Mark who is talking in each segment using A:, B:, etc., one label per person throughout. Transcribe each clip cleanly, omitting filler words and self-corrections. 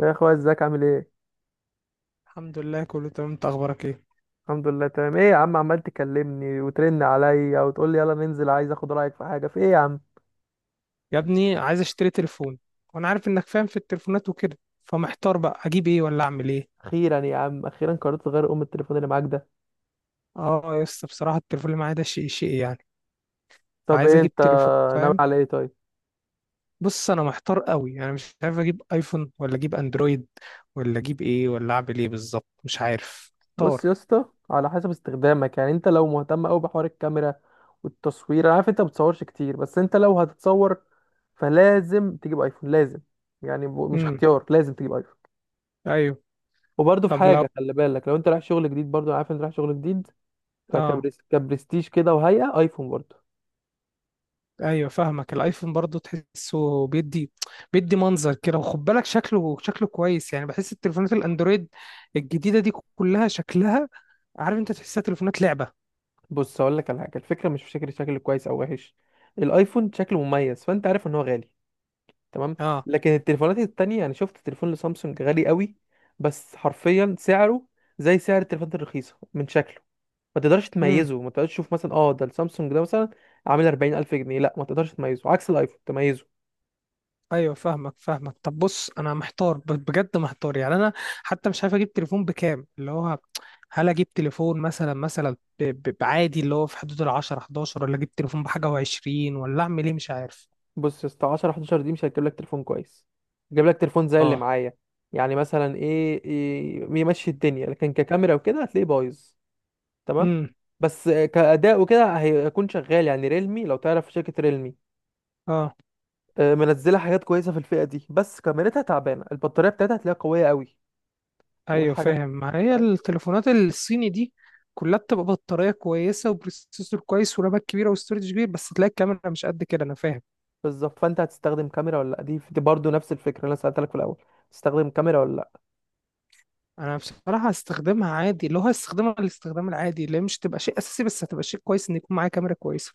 A: يا اخويا، ازيك؟ عامل ايه؟
B: الحمد لله كله تمام، انت اخبارك ايه؟
A: الحمد لله تمام. ايه يا عم، عمال تكلمني وترن عليا وتقول لي يلا ننزل. عايز اخد رايك في حاجه؟ في ايه يا عم؟
B: يا ابني عايز اشتري تليفون، وانا عارف انك فاهم في التليفونات وكده، فمحتار بقى اجيب ايه ولا اعمل ايه.
A: اخيرا يا عم، اخيرا قررت تغير ام التليفون اللي معاك ده.
B: اه يا اسطى، بصراحه التليفون اللي معايا ده شيء يعني.
A: طب
B: فعايز
A: ايه
B: اجيب
A: انت
B: تليفون،
A: ناوي
B: فاهم.
A: على ايه طيب؟
B: بص انا محتار قوي، انا مش عارف اجيب ايفون ولا اجيب اندرويد ولا اجيب ايه ولا اعمل ايه بالظبط، مش عارف،
A: بص
B: محتار.
A: يا اسطى، على حسب استخدامك. يعني انت لو مهتم قوي بحوار الكاميرا والتصوير، انا عارف انت ما بتصورش كتير، بس انت لو هتتصور فلازم تجيب ايفون، لازم. يعني مش
B: امم
A: اختيار، لازم تجيب ايفون.
B: ايوه.
A: وبرضه في
B: طب لو،
A: حاجه، خلي بالك، لو انت رايح شغل جديد، برضه انا عارف انت رايح شغل جديد،
B: اه
A: فكبرس كبرستيج كده وهيئة ايفون برضه.
B: ايوه فاهمك. الايفون برضو تحسه بيدي منظر كده، وخد بالك، شكله كويس يعني. بحس التليفونات الاندرويد الجديده دي كلها شكلها، عارف انت، تحسها تليفونات لعبه.
A: بص هقول لك على حاجة، الفكرة مش في شكل كويس او وحش، الايفون شكله مميز. فانت عارف ان هو غالي، تمام؟
B: اه.
A: لكن التليفونات التانية، انا شفت تليفون لسامسونج غالي قوي، بس حرفيا سعره زي سعر التليفونات الرخيصة. من شكله ما تقدرش
B: امم.
A: تميزه، ما تقدرش تشوف مثلا اه ده السامسونج ده، مثلا عامل 40,000 جنيه، لا ما تقدرش تميزه. عكس الايفون تميزه.
B: ايوه فاهمك طب بص انا محتار، بجد محتار يعني انا، حتى مش عارف اجيب تليفون بكام اللي هو. هل اجيب تليفون مثلا بعادي اللي هو في حدود ال 10 11، ولا اجيب تليفون بحاجه و20، ولا اعمل ايه؟ مش عارف.
A: بص يا اسطى، 10 11 دي مش هتجيب لك تليفون كويس، هتجيب لك تليفون زي اللي
B: اه.
A: معايا. يعني مثلا إيه، يمشي الدنيا، لكن ككاميرا وكده هتلاقيه بايظ، تمام؟
B: امم.
A: بس آه، كأداء وكده هيكون شغال. يعني ريلمي، لو تعرف شركة ريلمي،
B: اه
A: آه، منزلة حاجات كويسة في الفئة دي، بس كاميرتها تعبانة. البطارية بتاعتها هتلاقيها قوية قوي
B: ايوه
A: والحاجات،
B: فاهم. ما هي
A: فاهم؟
B: التليفونات الصيني دي كلها بتبقى بطاريه كويسه وبروسيسور كويس ورامات كبيره وستورج كبير، بس تلاقي الكاميرا مش قد كده، انا فاهم.
A: بالظبط. فانت هتستخدم كاميرا ولا لأ؟ دي برضه نفس الفكرة اللي انا سألتلك في الأول، تستخدم كاميرا ولا لأ؟
B: انا بصراحه هستخدمها عادي، اللي هو هستخدمها الاستخدام العادي، اللي هي مش تبقى شيء اساسي بس هتبقى شيء كويس ان يكون معايا كاميرا كويسه.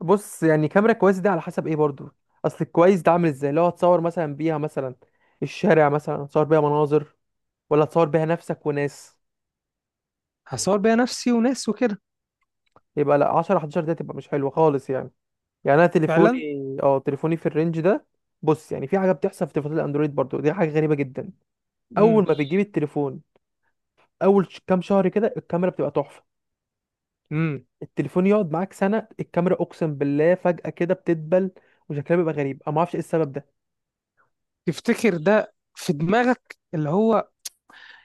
A: بص، يعني كاميرا كويس دي على حسب ايه برضو. اصل الكويس ده عامل ازاي؟ لو هتصور مثلا بيها مثلا الشارع، مثلا هتصور بيها مناظر، ولا هتصور بيها نفسك وناس؟
B: هصور بيها نفسي وناس وكده.
A: يبقى لا، 10 11 ده تبقى مش حلوه خالص. يعني يعني انا تليفوني،
B: فعلا.
A: اه تليفوني في الرينج ده. بص، يعني في حاجه بتحصل في تليفونات الاندرويد برضو، دي حاجه غريبه جدا.
B: امم
A: اول ما بتجيب التليفون، اول كام شهر كده الكاميرا بتبقى تحفه.
B: امم
A: التليفون يقعد معاك سنه، الكاميرا اقسم بالله فجاه كده بتدبل، وشكلها بيبقى غريب. انا ما اعرفش ايه السبب ده.
B: تفتكر ده في دماغك اللي هو،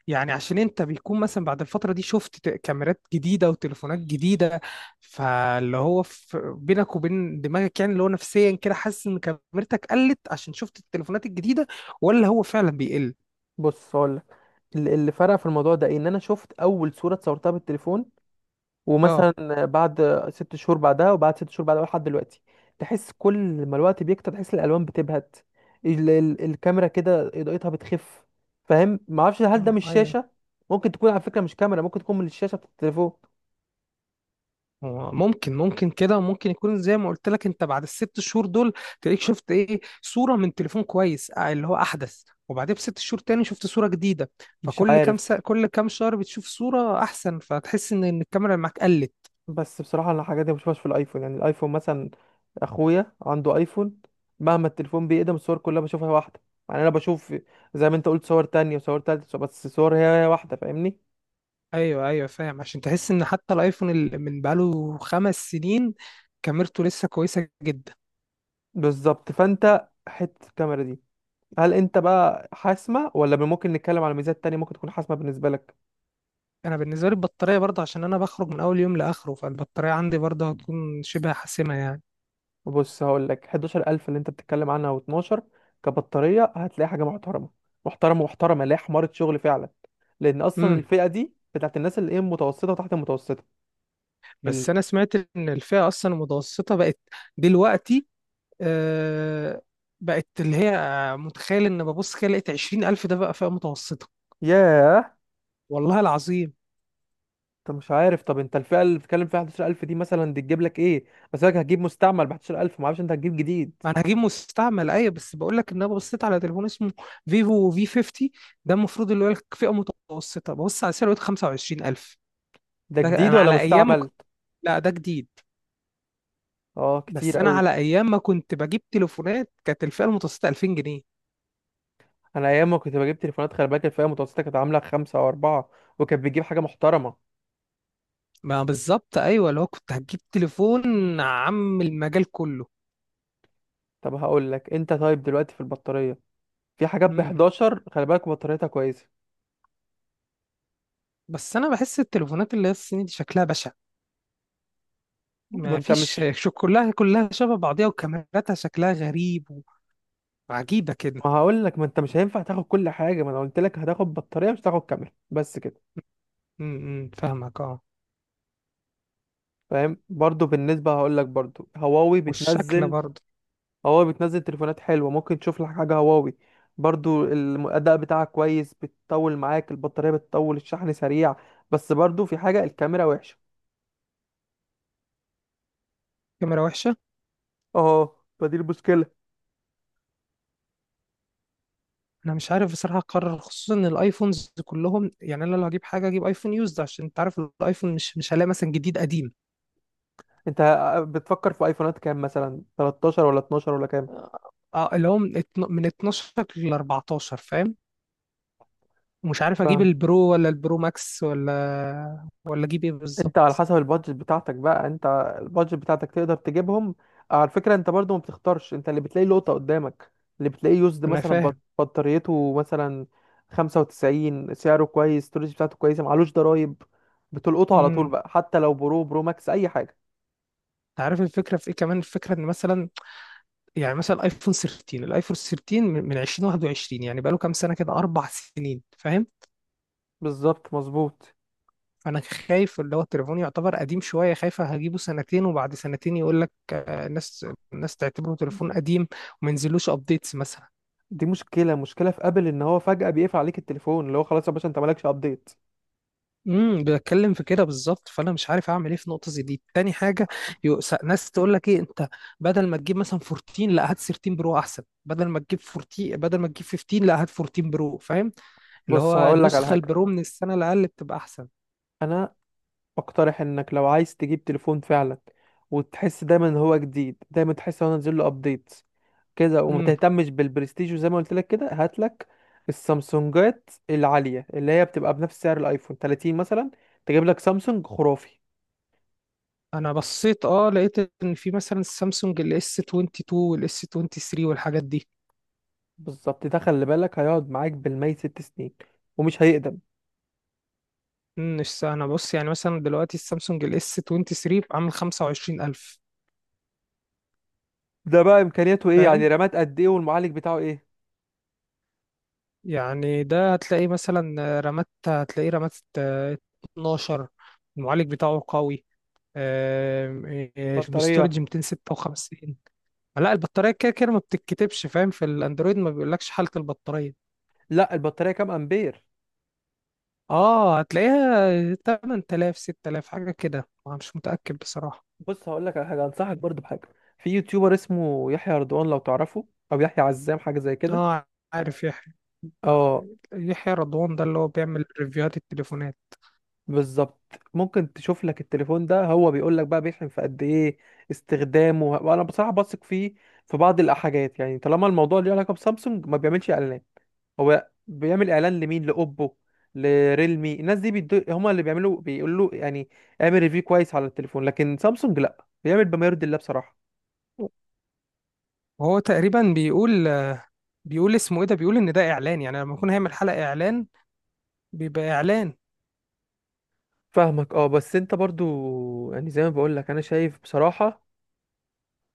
B: يعني عشان انت بيكون مثلا بعد الفترة دي شفت كاميرات جديدة وتليفونات جديدة، فاللي هو بينك وبين دماغك، يعني اللي هو نفسيا كده حاسس ان كاميرتك قلت عشان شفت التليفونات الجديدة، ولا هو فعلا بيقل؟
A: بص هقول لك، اللي فرق في الموضوع ده إيه؟ ان انا شفت اول صوره اتصورتها بالتليفون،
B: اه.
A: ومثلا بعد 6 شهور بعدها، وبعد 6 شهور بعدها لحد دلوقتي، تحس كل ما الوقت بيكتر تحس الالوان بتبهت. ال الكاميرا كده اضاءتها بتخف، فاهم؟ ما اعرفش هل ده
B: اه،
A: مش
B: ايوه.
A: شاشه؟ ممكن تكون على فكره مش كاميرا، ممكن تكون من الشاشه بتاعت التليفون،
B: هو ممكن كده، ممكن يكون زي ما قلت لك انت بعد الست شهور دول، تلاقيك شفت ايه صورة من تليفون كويس، اه، اللي هو احدث، وبعدين بست شهور تاني شفت صورة جديدة،
A: مش
B: فكل كام
A: عارف.
B: سا... كل كام شهر بتشوف صورة احسن، فتحس ان الكاميرا اللي معاك قلت.
A: بس بصراحة أنا الحاجات دي ما بشوفهاش في الأيفون. يعني الأيفون مثلا أخويا عنده أيفون، مهما التليفون بيقدم الصور كلها بشوفها واحدة. يعني أنا بشوف زي ما أنت قلت صور تانية وصور تالتة، بس الصور هي هي واحدة، فاهمني؟
B: ايوه، ايوه، فاهم، عشان تحس ان حتى الايفون اللي من بقاله خمس سنين كاميرته لسه كويسه جدا.
A: بالظبط. فأنت حتة الكاميرا دي، هل أنت بقى حاسمة ولا ممكن نتكلم على ميزات تانية ممكن تكون حاسمة بالنسبة لك؟
B: انا بالنسبه لي البطاريه برضه، عشان انا بخرج من اول يوم لاخره، فالبطاريه عندي برضه هتكون شبه حاسمه يعني.
A: بص هقول لك، 11,000 اللي أنت بتتكلم عنها و12، كبطارية هتلاقي حاجة محترمة، محترمة محترمة، اللي هي حمارة شغل فعلا، لأن أصلا
B: امم
A: الفئة دي بتاعت الناس اللي إيه، متوسطة وتحت المتوسطة. ال...
B: بس انا سمعت ان الفئه اصلا المتوسطه بقت دلوقتي، آه بقت اللي هي، متخيل ان ببص كده لقيت 20000 ده بقى فئه متوسطه.
A: ياه!
B: والله العظيم.
A: انت مش عارف. طب انت الفئه اللي بتتكلم فيها 11,000 دي، مثلا دي تجيب لك ايه؟ بس لك هتجيب مستعمل ب 11,000، ما اعرفش انت هتجيب جديد.
B: ما انا هجيب مستعمل، ايوه، بس بقول لك ان انا بصيت على تليفون اسمه فيفو في 50، ده المفروض اللي هو فئه متوسطه، ببص على سعره لقيت 25000.
A: ده
B: ده
A: جديد
B: انا
A: ولا
B: على ايام ما
A: مستعمل؟
B: كنت، لا ده جديد.
A: اه كتير
B: بس انا
A: قوي.
B: على ايام ما كنت بجيب تليفونات كانت الفئه المتوسطه 2000 جنيه.
A: انا ايام ما كنت بجيب تليفونات، خلي بالك الفئه المتوسطه كانت عامله خمسة او اربعة، وكانت بتجيب حاجه محترمه.
B: ما بالظبط ايوه، اللي هو كنت هتجيب تليفون عم المجال كله.
A: طب هقول لك انت، طيب دلوقتي في البطاريه، في حاجات ب
B: امم
A: 11 خلي بالك بطاريتها كويسه.
B: بس انا بحس التليفونات اللي هي الصيني دي شكلها بشع،
A: ما
B: ما
A: انت
B: فيش
A: مش
B: شو، كلها شبه بعضيها وكاميراتها شكلها غريب وعجيبه كده.
A: ما هقول لك، ما انت مش هينفع تاخد كل حاجه. ما انا قلت لك هتاخد بطاريه، مش هتاخد كاميرا، بس كده،
B: فاهمك اه.
A: فاهم؟ برضو بالنسبة هقول لك، برضو هواوي
B: والشكل
A: بتنزل،
B: برضه.
A: هواوي بتنزل تليفونات حلوة، ممكن تشوف لك حاجة هواوي. برضو الأداء بتاعها كويس، بتطول معاك البطارية، بتطول، الشحن سريع، بس برضو في حاجة الكاميرا وحشة،
B: كاميرا وحشة.
A: اه فدي المشكلة.
B: أنا مش عارف بصراحة أقرر، خصوصا إن الأيفونز كلهم، يعني أنا لو هجيب حاجة أجيب أيفون يوزد، عشان أنت عارف الأيفون مش هلاقي مثلا جديد قديم.
A: انت آه، بتفكر في ايفونات كام؟ مثلا 13 ولا 12 ولا كام؟
B: أه، اللي هو من 12 ل 14، فاهم. ومش عارف أجيب البرو ولا البرو ماكس ولا أجيب إيه
A: انت على
B: بالظبط.
A: حسب البادجت بتاعتك بقى. انت البادجت بتاعتك تقدر تجيبهم. على فكرة انت برضو ما بتختارش، انت اللي بتلاقي لقطة قدامك. اللي بتلاقيه يوزد
B: أنا
A: مثلا
B: فاهم.
A: بطاريته مثلا 95، سعره كويس، الستورج بتاعته كويسة، معلوش ضرايب، بتلقطه على طول
B: امم
A: بقى، حتى لو برو برو ماكس اي حاجة.
B: أنت عارف الفكرة في إيه كمان، الفكرة إن مثلا، يعني مثلا الأيفون 13، من 2021، يعني بقاله كام سنة كده، أربع سنين، فاهم.
A: بالظبط، مظبوط.
B: فانا خايف اللي هو التليفون يعتبر قديم شويه، خايف هجيبه سنتين وبعد سنتين يقول لك، الناس تعتبره تليفون قديم، وما ينزلوش ابديتس مثلا.
A: دي مشكلة، مشكلة في ابل، ان هو فجأة بيقفل عليك التليفون. اللي هو خلاص يا باشا انت مالكش ابديت.
B: بتكلم في كده بالظبط، فانا مش عارف اعمل ايه في نقطه زي دي. تاني حاجه، ناس تقول لك ايه، انت بدل ما تجيب مثلا 14 لا هات 13 برو احسن، بدل ما تجيب 14 بدل ما تجيب 15 لا هات 14 برو، فاهم. اللي
A: بص
B: هو
A: هقول لك على
B: النسخه
A: حاجة،
B: البرو من السنه الاقل بتبقى احسن.
A: انا بقترح انك لو عايز تجيب تليفون فعلا، وتحس دايما ان هو جديد، دايما تحس ان هو نازل له ابديتس كده، وما
B: امم.
A: تهتمش بالبرستيج، وزي ما قلت لك كده، هات لك السامسونجات العاليه اللي هي بتبقى بنفس سعر الايفون 30 مثلا، تجيب لك سامسونج خرافي.
B: انا بصيت، اه، لقيت ان في مثلا السامسونج الاس 22 والاس 23 والحاجات دي.
A: بالظبط، ده خلي بالك هيقعد معاك بالمية 6 سنين، ومش هيقدم.
B: مش س- انا بص، يعني مثلا دلوقتي السامسونج الاس 23 عامل 25000،
A: ده بقى امكانياته ايه؟ يعني
B: فاهم.
A: رامات قد ايه والمعالج بتاعه ايه؟
B: يعني ده هتلاقي مثلا رامات، هتلاقيه رامات آه، 12، المعالج بتاعه قوي، آم، آه،
A: بطاريه؟
B: الاستورج 256. لا البطارية كده كده ما بتتكتبش، فاهم، في الاندرويد ما بيقولكش حالة البطارية.
A: لا، البطاريه كام امبير؟
B: اه، هتلاقيها 8000 6000 حاجة كده، أنا مش متأكد بصراحة.
A: بص هقول لك على حاجه، انصحك برضو بحاجه، في يوتيوبر اسمه يحيى رضوان، لو تعرفه، او يحيى عزام، حاجه زي كده.
B: اه، عارف يحيى.
A: اه
B: يحيى رضوان ده اللي هو بيعمل ريفيوهات التليفونات.
A: بالظبط. ممكن تشوف لك التليفون ده، هو بيقول لك بقى بيحلم في قد ايه، استخدامه، وانا بصراحه بثق فيه في بعض الحاجات. يعني طالما الموضوع ليه علاقه بسامسونج، ما بيعملش اعلانات. هو بيعمل اعلان لمين؟ لاوبو، لريلمي، الناس دي هما اللي بيعملوا، بيقولوا يعني اعمل ريفيو كويس على التليفون، لكن سامسونج لا، بيعمل بما يرضي الله بصراحه.
B: وهو تقريبا بيقول، اسمه ايه ده، بيقول ان ده اعلان، يعني لما يكون هيعمل حلقة اعلان بيبقى اعلان.
A: فاهمك؟ اه بس انت برضو، يعني زي ما بقولك، انا شايف بصراحة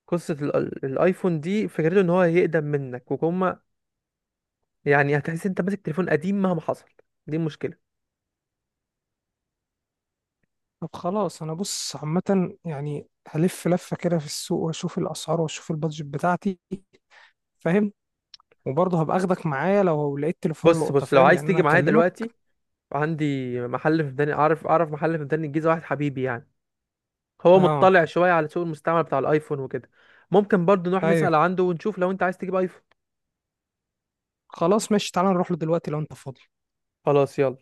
A: قصة الايفون دي، فكرته ان هو يقدم منك وكما. يعني هتحس انت ماسك تليفون قديم مهما حصل، دي المشكلة.
B: طب خلاص، انا بص عامة، يعني هلف لفة كده في السوق واشوف الاسعار واشوف البادجت بتاعتي، فاهم، وبرضه هبقى اخدك معايا لو لقيت تليفون
A: بص
B: لقطة،
A: بص لو
B: فاهم
A: عايز
B: يعني،
A: تيجي
B: انا
A: معايا
B: هكلمك.
A: دلوقتي، عندي محل في ميدان، اعرف محل في ميدان الجيزة، واحد حبيبي يعني، هو
B: اه
A: مطلع شوية على سوق المستعمل بتاع الايفون وكده، ممكن برضو نروح
B: ايوه،
A: نسأل عنده ونشوف، لو انت عايز تجيب ايفون.
B: خلاص ماشي، تعالى نروح له دلوقتي لو انت فاضي.
A: خلاص يلا.